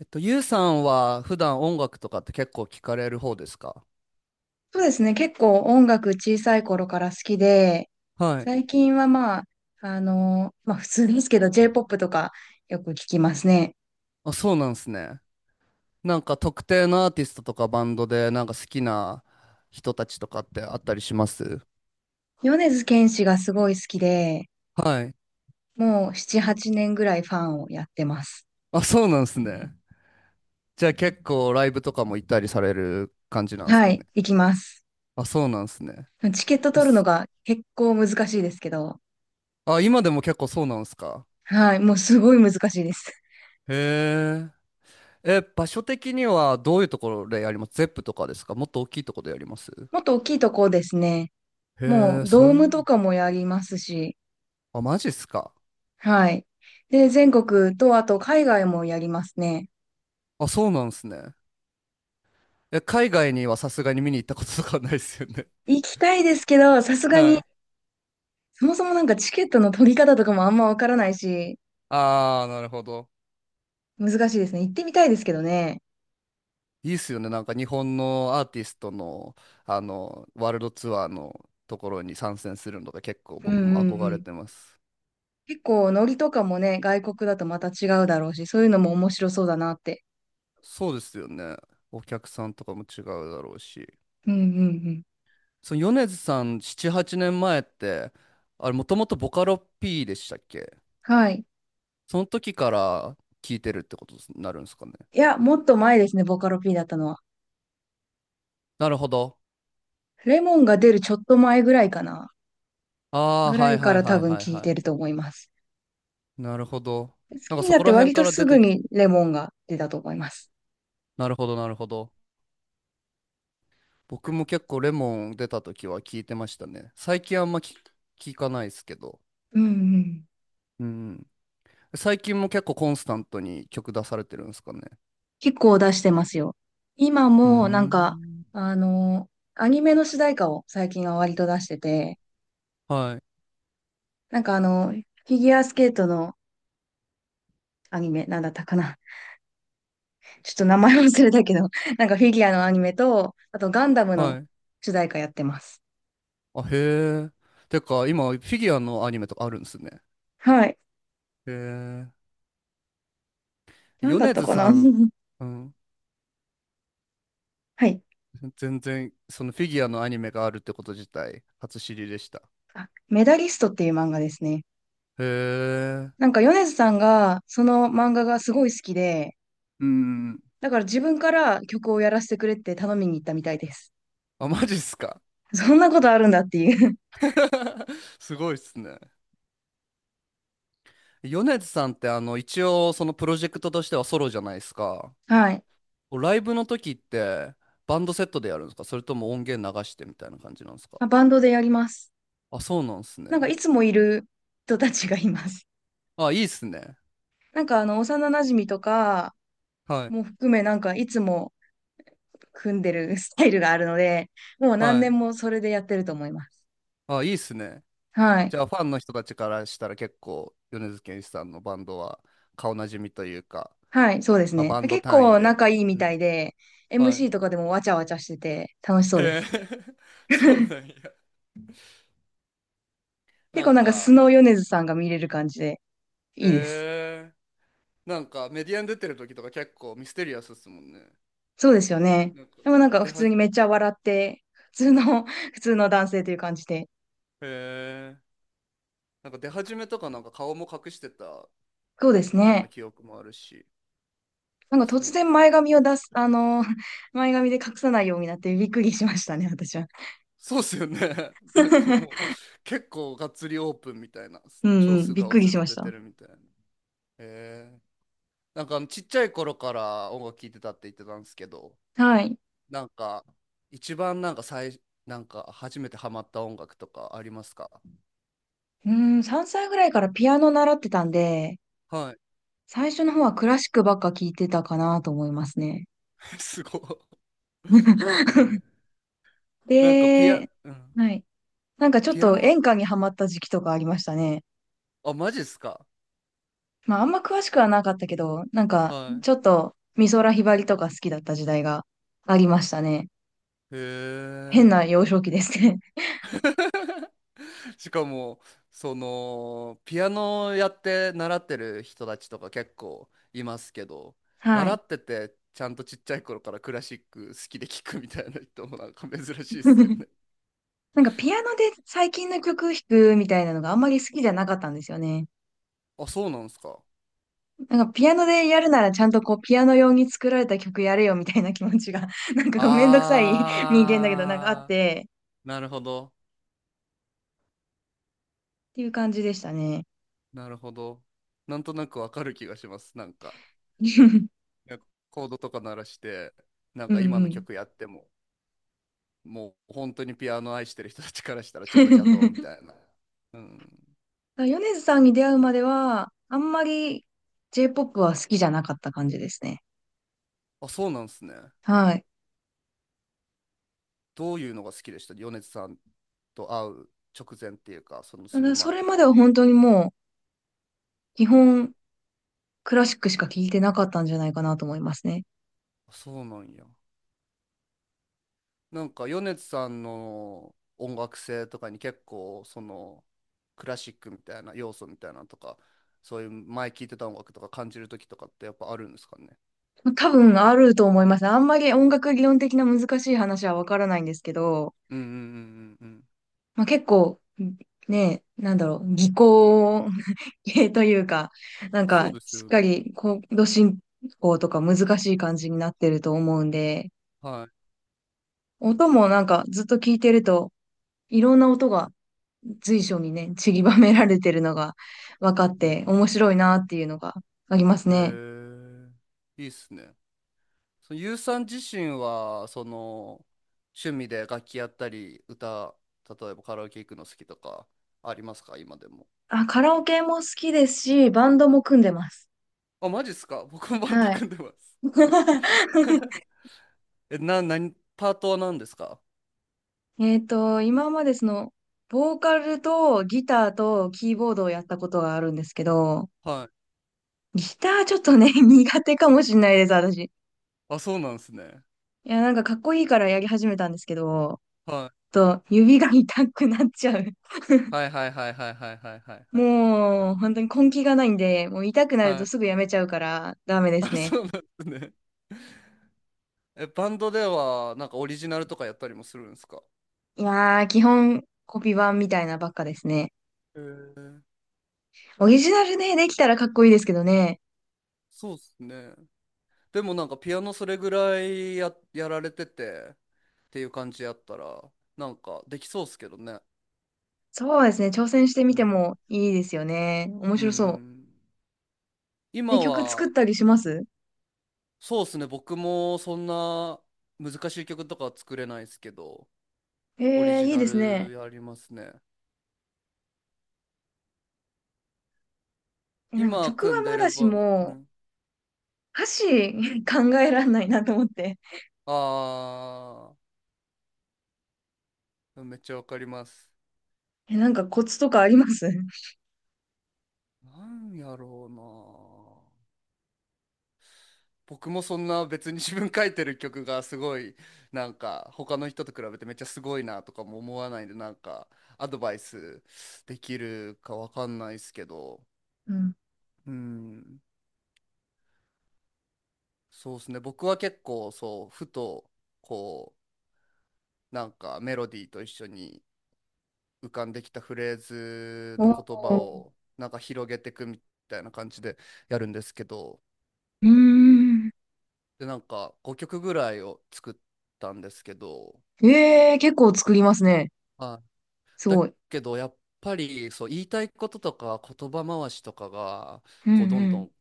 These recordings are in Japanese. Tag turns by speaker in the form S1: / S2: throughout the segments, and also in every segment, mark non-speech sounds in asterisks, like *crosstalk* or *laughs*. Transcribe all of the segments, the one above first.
S1: ゆうさんは普段音楽とかって結構聞かれる方ですか？
S2: そうですね。結構音楽小さい頃から好きで、
S1: はい。
S2: 最近はまあ、まあ普通ですけど J-POP とかよく聞きますね。
S1: あ、そうなんですね。なんか特定のアーティストとかバンドでなんか好きな人たちとかってあったりします？
S2: 米津玄師がすごい好きで、
S1: はい。
S2: もう7、8年ぐらいファンをやってます。
S1: あ、そうなんですね。じゃあ結構ライブとかも行ったりされる感じなんです
S2: は
S1: か
S2: い、
S1: ね。
S2: 行きます。
S1: あ、そうなんですね。
S2: チケット
S1: え
S2: 取るの
S1: す
S2: が結構難しいですけど、
S1: あ、今でも結構そうなんですか？
S2: はい、もうすごい難しいです。
S1: へえ。え、場所的にはどういうところでやります？ゼップとかですか？もっと大きいところでやります？
S2: もっと大きいとこですね。も
S1: へえ、
S2: うドームとかもやりますし、
S1: あ、マジっすか。
S2: はい。で、全国とあと海外もやりますね。
S1: あ、そうなんですね。え、海外にはさすがに見に行ったこととかはないですよね。
S2: 行きたいですけど、さす
S1: *laughs*
S2: がに、
S1: はい。
S2: そもそもなんかチケットの取り方とかもあんまわからないし、
S1: ああ、なるほど。
S2: 難しいですね。行ってみたいですけどね。
S1: いいっすよね。なんか日本のアーティストの、ワールドツアーのところに参戦するのが結構
S2: うんうん
S1: 僕も憧
S2: う
S1: れ
S2: ん。
S1: てます。
S2: 結構、ノリとかもね、外国だとまた違うだろうし、そういうのも面白そうだなって。
S1: そうですよね。お客さんとかも違うだろうし。
S2: うんうんうん。
S1: その米津さん7、8年前って、あれもともとボカロ P でしたっけ？
S2: はい。
S1: その時から聞いてるってことになるんですかね。
S2: いや、もっと前ですね、ボカロ P だったのは。
S1: なるほど。
S2: レモンが出るちょっと前ぐらいかな。
S1: ああ、
S2: ぐら
S1: はい
S2: いか
S1: はい
S2: ら
S1: は
S2: 多
S1: い
S2: 分
S1: はい
S2: 聞い
S1: は
S2: てる
S1: い。
S2: と思います。
S1: なるほど。
S2: 好
S1: なん
S2: き
S1: か
S2: に
S1: そ
S2: なっ
S1: こ
S2: て
S1: ら
S2: 割
S1: 辺か
S2: と
S1: ら
S2: す
S1: 出
S2: ぐ
S1: てきた。
S2: にレモンが出たと思います。
S1: なるほど、なるほど。僕も結構レモン出た時は聞いてましたね。最近あんま聞かないですけど。
S2: うんうん。
S1: うん。最近も結構コンスタントに曲出されてるんですかね。
S2: 結構出してますよ。今
S1: うー
S2: もなんか、
S1: ん。
S2: あの、アニメの主題歌を最近は割と出してて、
S1: はい。
S2: なんかフィギュアスケートのアニメ、なんだったかな。ちょっと名前忘れたけど、*laughs* なんかフィギュアのアニメと、あとガンダムの
S1: はい。
S2: 主題歌やってます。
S1: あ、へえ。てか、今、フィギュアのアニメとかあるんですね。
S2: はい。
S1: へえ。
S2: なんだっ
S1: 米
S2: た
S1: 津
S2: かな
S1: さ
S2: *laughs*
S1: ん、うん。
S2: はい。
S1: 全然、そのフィギュアのアニメがあるってこと自体、初知りでした。
S2: あ、メダリストっていう漫画ですね。
S1: へえ。
S2: なんか米津さんがその漫画がすごい好きで、
S1: うん。
S2: だから自分から曲をやらせてくれって頼みに行ったみたいです。
S1: あ、マジっすか。
S2: そんなことあるんだっていう。
S1: *laughs* すごいっすね。米津さんって一応そのプロジェクトとしてはソロじゃないですか。
S2: はい。
S1: ライブの時ってバンドセットでやるんですか？それとも音源流してみたいな感じなんですか？
S2: あ、バンドでやります。
S1: あ、そうなんですね。
S2: なんかいつもいる人たちがいます。
S1: あ、いいっすね。
S2: *laughs* なんか幼馴染とか
S1: はい。
S2: も含め、なんかいつも組んでるスタイルがあるので、もう何
S1: は
S2: 年
S1: い。
S2: もそれでやってると思います。
S1: あ、いいっすね。
S2: はい。
S1: じゃあファンの人たちからしたら結構米津玄師さんのバンドは顔なじみというか、
S2: はい、そうです
S1: まあ、
S2: ね。
S1: バンド
S2: 結
S1: 単位
S2: 構
S1: でと。
S2: 仲いいみ
S1: う
S2: た
S1: ん、
S2: いで、
S1: はい。
S2: MC とかでもわちゃわちゃしてて楽しそうで
S1: へえ、
S2: す。
S1: *laughs*
S2: *laughs*
S1: そうなんや。
S2: 結
S1: な
S2: 構
S1: ん
S2: なんかス
S1: か、
S2: ノー米津さんが見れる感じでいいです。
S1: へえ。なんかメディアに出てる時とか結構ミステリアスですもんね。
S2: そうですよね。
S1: なんか
S2: でもなんか普
S1: へ
S2: 通にめっちゃ笑って、普通の、*laughs* 普通の男性という感じで。
S1: え。なんか出始めとかなんか顔も隠してたよ
S2: そうです
S1: うな
S2: ね。
S1: 記憶もあるし。
S2: なんか突
S1: そうな。
S2: 然前髪を出す、*laughs* *laughs* 前髪で隠さないようになってびっくりしましたね、私は。
S1: そうっすよね。*laughs* なんかもう
S2: *laughs*
S1: 結構がっつりオープンみたいな、
S2: うん
S1: 超
S2: うん、
S1: 素
S2: びっ
S1: 顔
S2: くり
S1: ずっ
S2: し
S1: と
S2: まし
S1: 出て
S2: た。
S1: るみたいな。へえ。なんかちっちゃい頃から音楽聴いてたって言ってたんですけど、
S2: はい。
S1: なんか一番なんかなんか初めてハマった音楽とかありますか？
S2: うん、3歳ぐらいからピアノ習ってたんで、
S1: はい。
S2: 最初の方はクラシックばっか聞いてたかなと思いますね。
S1: *laughs* すごい。へ
S2: *laughs*
S1: え。なんか
S2: で、
S1: うん、
S2: はい。なんかちょっ
S1: ピア
S2: と
S1: ノ、
S2: 演歌にハマった時期とかありましたね。
S1: あ、マジっすか？
S2: まああんま詳しくはなかったけど、なんか
S1: は
S2: ちょっと美空ひばりとか好きだった時代がありましたね。
S1: い。へ
S2: 変な
S1: え。
S2: 幼少期ですね。
S1: しかも、ピアノやって習ってる人たちとか結構いますけど、
S2: *laughs* は
S1: 習
S2: い。
S1: ってて、ちゃんとちっちゃい頃からクラシック好きで聴くみたいな人もなんか珍しいですよね。
S2: *laughs* なんかピアノで最近の曲弾くみたいなのがあんまり好きじゃなかったんですよね。
S1: あ、そうなんですか。
S2: なんかピアノでやるならちゃんとこうピアノ用に作られた曲やれよみたいな気持ちが *laughs* なんかこうめんどくさい人間だけどなんかあっ
S1: あ
S2: て
S1: ー、なるほど。
S2: っていう感じでしたね。
S1: なるほど。なんとなくわかる気がします。なんか、
S2: *laughs* うん
S1: なんかコードとか鳴らして、なん
S2: う
S1: か今の
S2: ん。
S1: 曲やっても。もう本当にピアノ愛してる人たちからしたらちょっと邪道み
S2: *laughs*
S1: たいな。うん。
S2: 米津さんに出会うまではあんまり J-POP は好きじゃなかった感じですね。
S1: あ、そうなんですね。
S2: はい。
S1: どういうのが好きでした米津さんと会う直前っていうか、その
S2: た
S1: すぐ
S2: だそ
S1: 前
S2: れ
S1: と
S2: ま
S1: か
S2: では
S1: は。
S2: 本当にもう基本クラシックしか聴いてなかったんじゃないかなと思いますね。
S1: あそうなんや。なんか米津さんの音楽性とかに結構そのクラシックみたいな要素みたいなのとか、そういう前聴いてた音楽とか感じる時とかってやっぱあるんですかね。
S2: 多分あると思います。あんまり音楽理論的な難しい話はわからないんですけど、
S1: うんうんうんうんうん。
S2: まあ、結構、ね、なんだろう、技巧 *laughs* 系というか、なん
S1: そ
S2: か、
S1: うです
S2: しっ
S1: よ
S2: か
S1: ね。
S2: りコード進行とか難しい感じになってると思うんで、
S1: はい。
S2: 音もなんかずっと聞いてると、いろんな音が随所にね、散りばめられてるのが分かっ
S1: う
S2: て
S1: ん。
S2: 面白いなっていうのがありますね。
S1: へえ。いいっすね。そのゆうさん自身はその趣味で楽器やったり歌、例えばカラオケ行くの好きとかありますか、今でも？
S2: あ、カラオケも好きですし、バンドも組んでます。
S1: あ、マジっすか？ *laughs* 僕もバンド
S2: はい。
S1: 組んでます。 *laughs*
S2: *laughs*
S1: 何パートは何ですか？
S2: 今までボーカルとギターとキーボードをやったことがあるんですけど、
S1: はい。
S2: ギターちょっとね、*laughs* 苦手かもしれないです、私。い
S1: あ、そうなんですね。
S2: や、なんかかっこいいからやり始めたんですけど、
S1: は
S2: ちょっと指が痛くなっちゃう。*laughs*
S1: いはいはいはいはいはいはいはいはい
S2: もう、本当に根気がないんで、もう痛くなる
S1: は
S2: と
S1: い。
S2: すぐやめちゃうからダメです
S1: あ、
S2: ね。
S1: そうなんですね。 *laughs* え、バンドではなんかオリジナルとかやったりもするんですか？
S2: いやー、基本コピー版みたいなばっかですね。
S1: へえ。
S2: オリジナルね、できたらかっこいいですけどね。
S1: そうっすね。でもなんかピアノそれぐらいやられててっていう感じやったらなんかできそうっすけどね。
S2: そうですね、挑戦してみ
S1: う
S2: て
S1: ん。
S2: もいいですよね。面
S1: う
S2: 白そう。
S1: ん。今
S2: え、曲作っ
S1: は。
S2: たりします？
S1: そうっすね、僕もそんな難しい曲とかは作れないですけど、オリ
S2: えー、
S1: ジ
S2: いい
S1: ナ
S2: です
S1: ル
S2: ね。
S1: やりますね。
S2: え、なんか
S1: 今
S2: 曲
S1: 組
S2: は
S1: んで
S2: ま
S1: る
S2: だし
S1: バン。う
S2: も、
S1: ん。
S2: 歌詞 *laughs* 考えらんないなと思って。
S1: あーめっちゃわかります。
S2: え、なんかコツとかあります？
S1: なんやろうな。僕もそんな別に自分書いてる曲がすごい、なんか他の人と比べてめっちゃすごいなとかも思わないんで、なんかアドバイスできるかわかんないですけど。
S2: うん。
S1: うん。そうですね、僕は結構そう、ふと、こうなんかメロディーと一緒に浮かんできたフレーズ
S2: お
S1: と言葉
S2: ー。
S1: をなんか広げていくみたいな感じでやるんですけど、
S2: うーん。
S1: で、なんか5曲ぐらいを作ったんですけど。
S2: えー、結構作りますね。
S1: はい。
S2: す
S1: だ
S2: ごい。
S1: けどやっぱりそう、言いたいこととか言葉回しとかが
S2: う
S1: こうどん
S2: ん
S1: ど
S2: う
S1: ん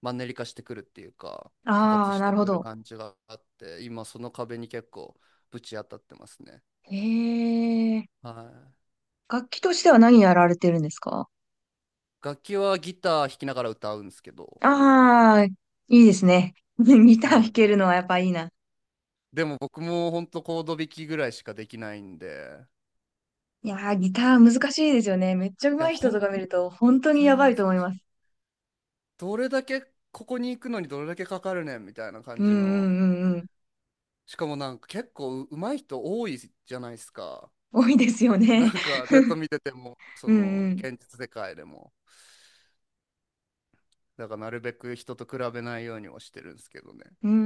S1: マンネリ化してくるっていうか、
S2: ん。
S1: 枯
S2: あ
S1: 渇
S2: あ
S1: し
S2: な
S1: て
S2: るほ
S1: くる
S2: ど。
S1: 感じがあって、今その壁に結構ぶち当たってますね。
S2: えー、
S1: は
S2: 楽器としては何やられてるんですか？
S1: い、楽器はギター弾きながら歌うんですけど、
S2: ああー、いいですね。*laughs* ギター弾け
S1: は
S2: るのはやっぱいいな。
S1: い、でも僕も本当コード弾きぐらいしかできないんで。
S2: いやー、ギター難しいですよね。めっちゃ
S1: い
S2: 上
S1: や、
S2: 手い人
S1: 本
S2: とか見ると、本当に
S1: 当
S2: や
S1: に
S2: ば
S1: 難
S2: いと
S1: し
S2: 思い
S1: い。
S2: ます。
S1: どれだけ、ここに行くのにどれだけかかるねんみたいな感
S2: うんう
S1: じの。
S2: んうんうん。
S1: しかもなんか結構上手い人多いじゃないですか。
S2: 多いですよ
S1: *laughs*
S2: ね。
S1: なんかネット見てても、
S2: *laughs*
S1: そ
S2: う
S1: の
S2: ん
S1: 現実世界でも、だからなるべく人と比べないようにはしてるんですけどね。
S2: うん。う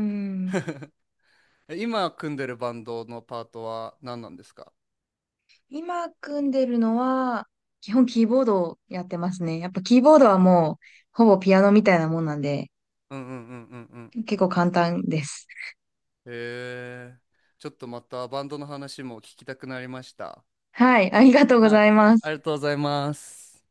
S2: ん。
S1: え、今組んでるバンドのパートは何なんですか？
S2: 今組んでるのは、基本キーボードをやってますね。やっぱキーボードはもう、ほぼピアノみたいなもんなんで、
S1: うんうんうんうん
S2: 結構簡単です。
S1: うん。へえ、ちょっとまたバンドの話も聞きたくなりました。
S2: はい、ありがとうご
S1: は
S2: ざ
S1: い、
S2: いま
S1: あ
S2: す。
S1: りがとうございます。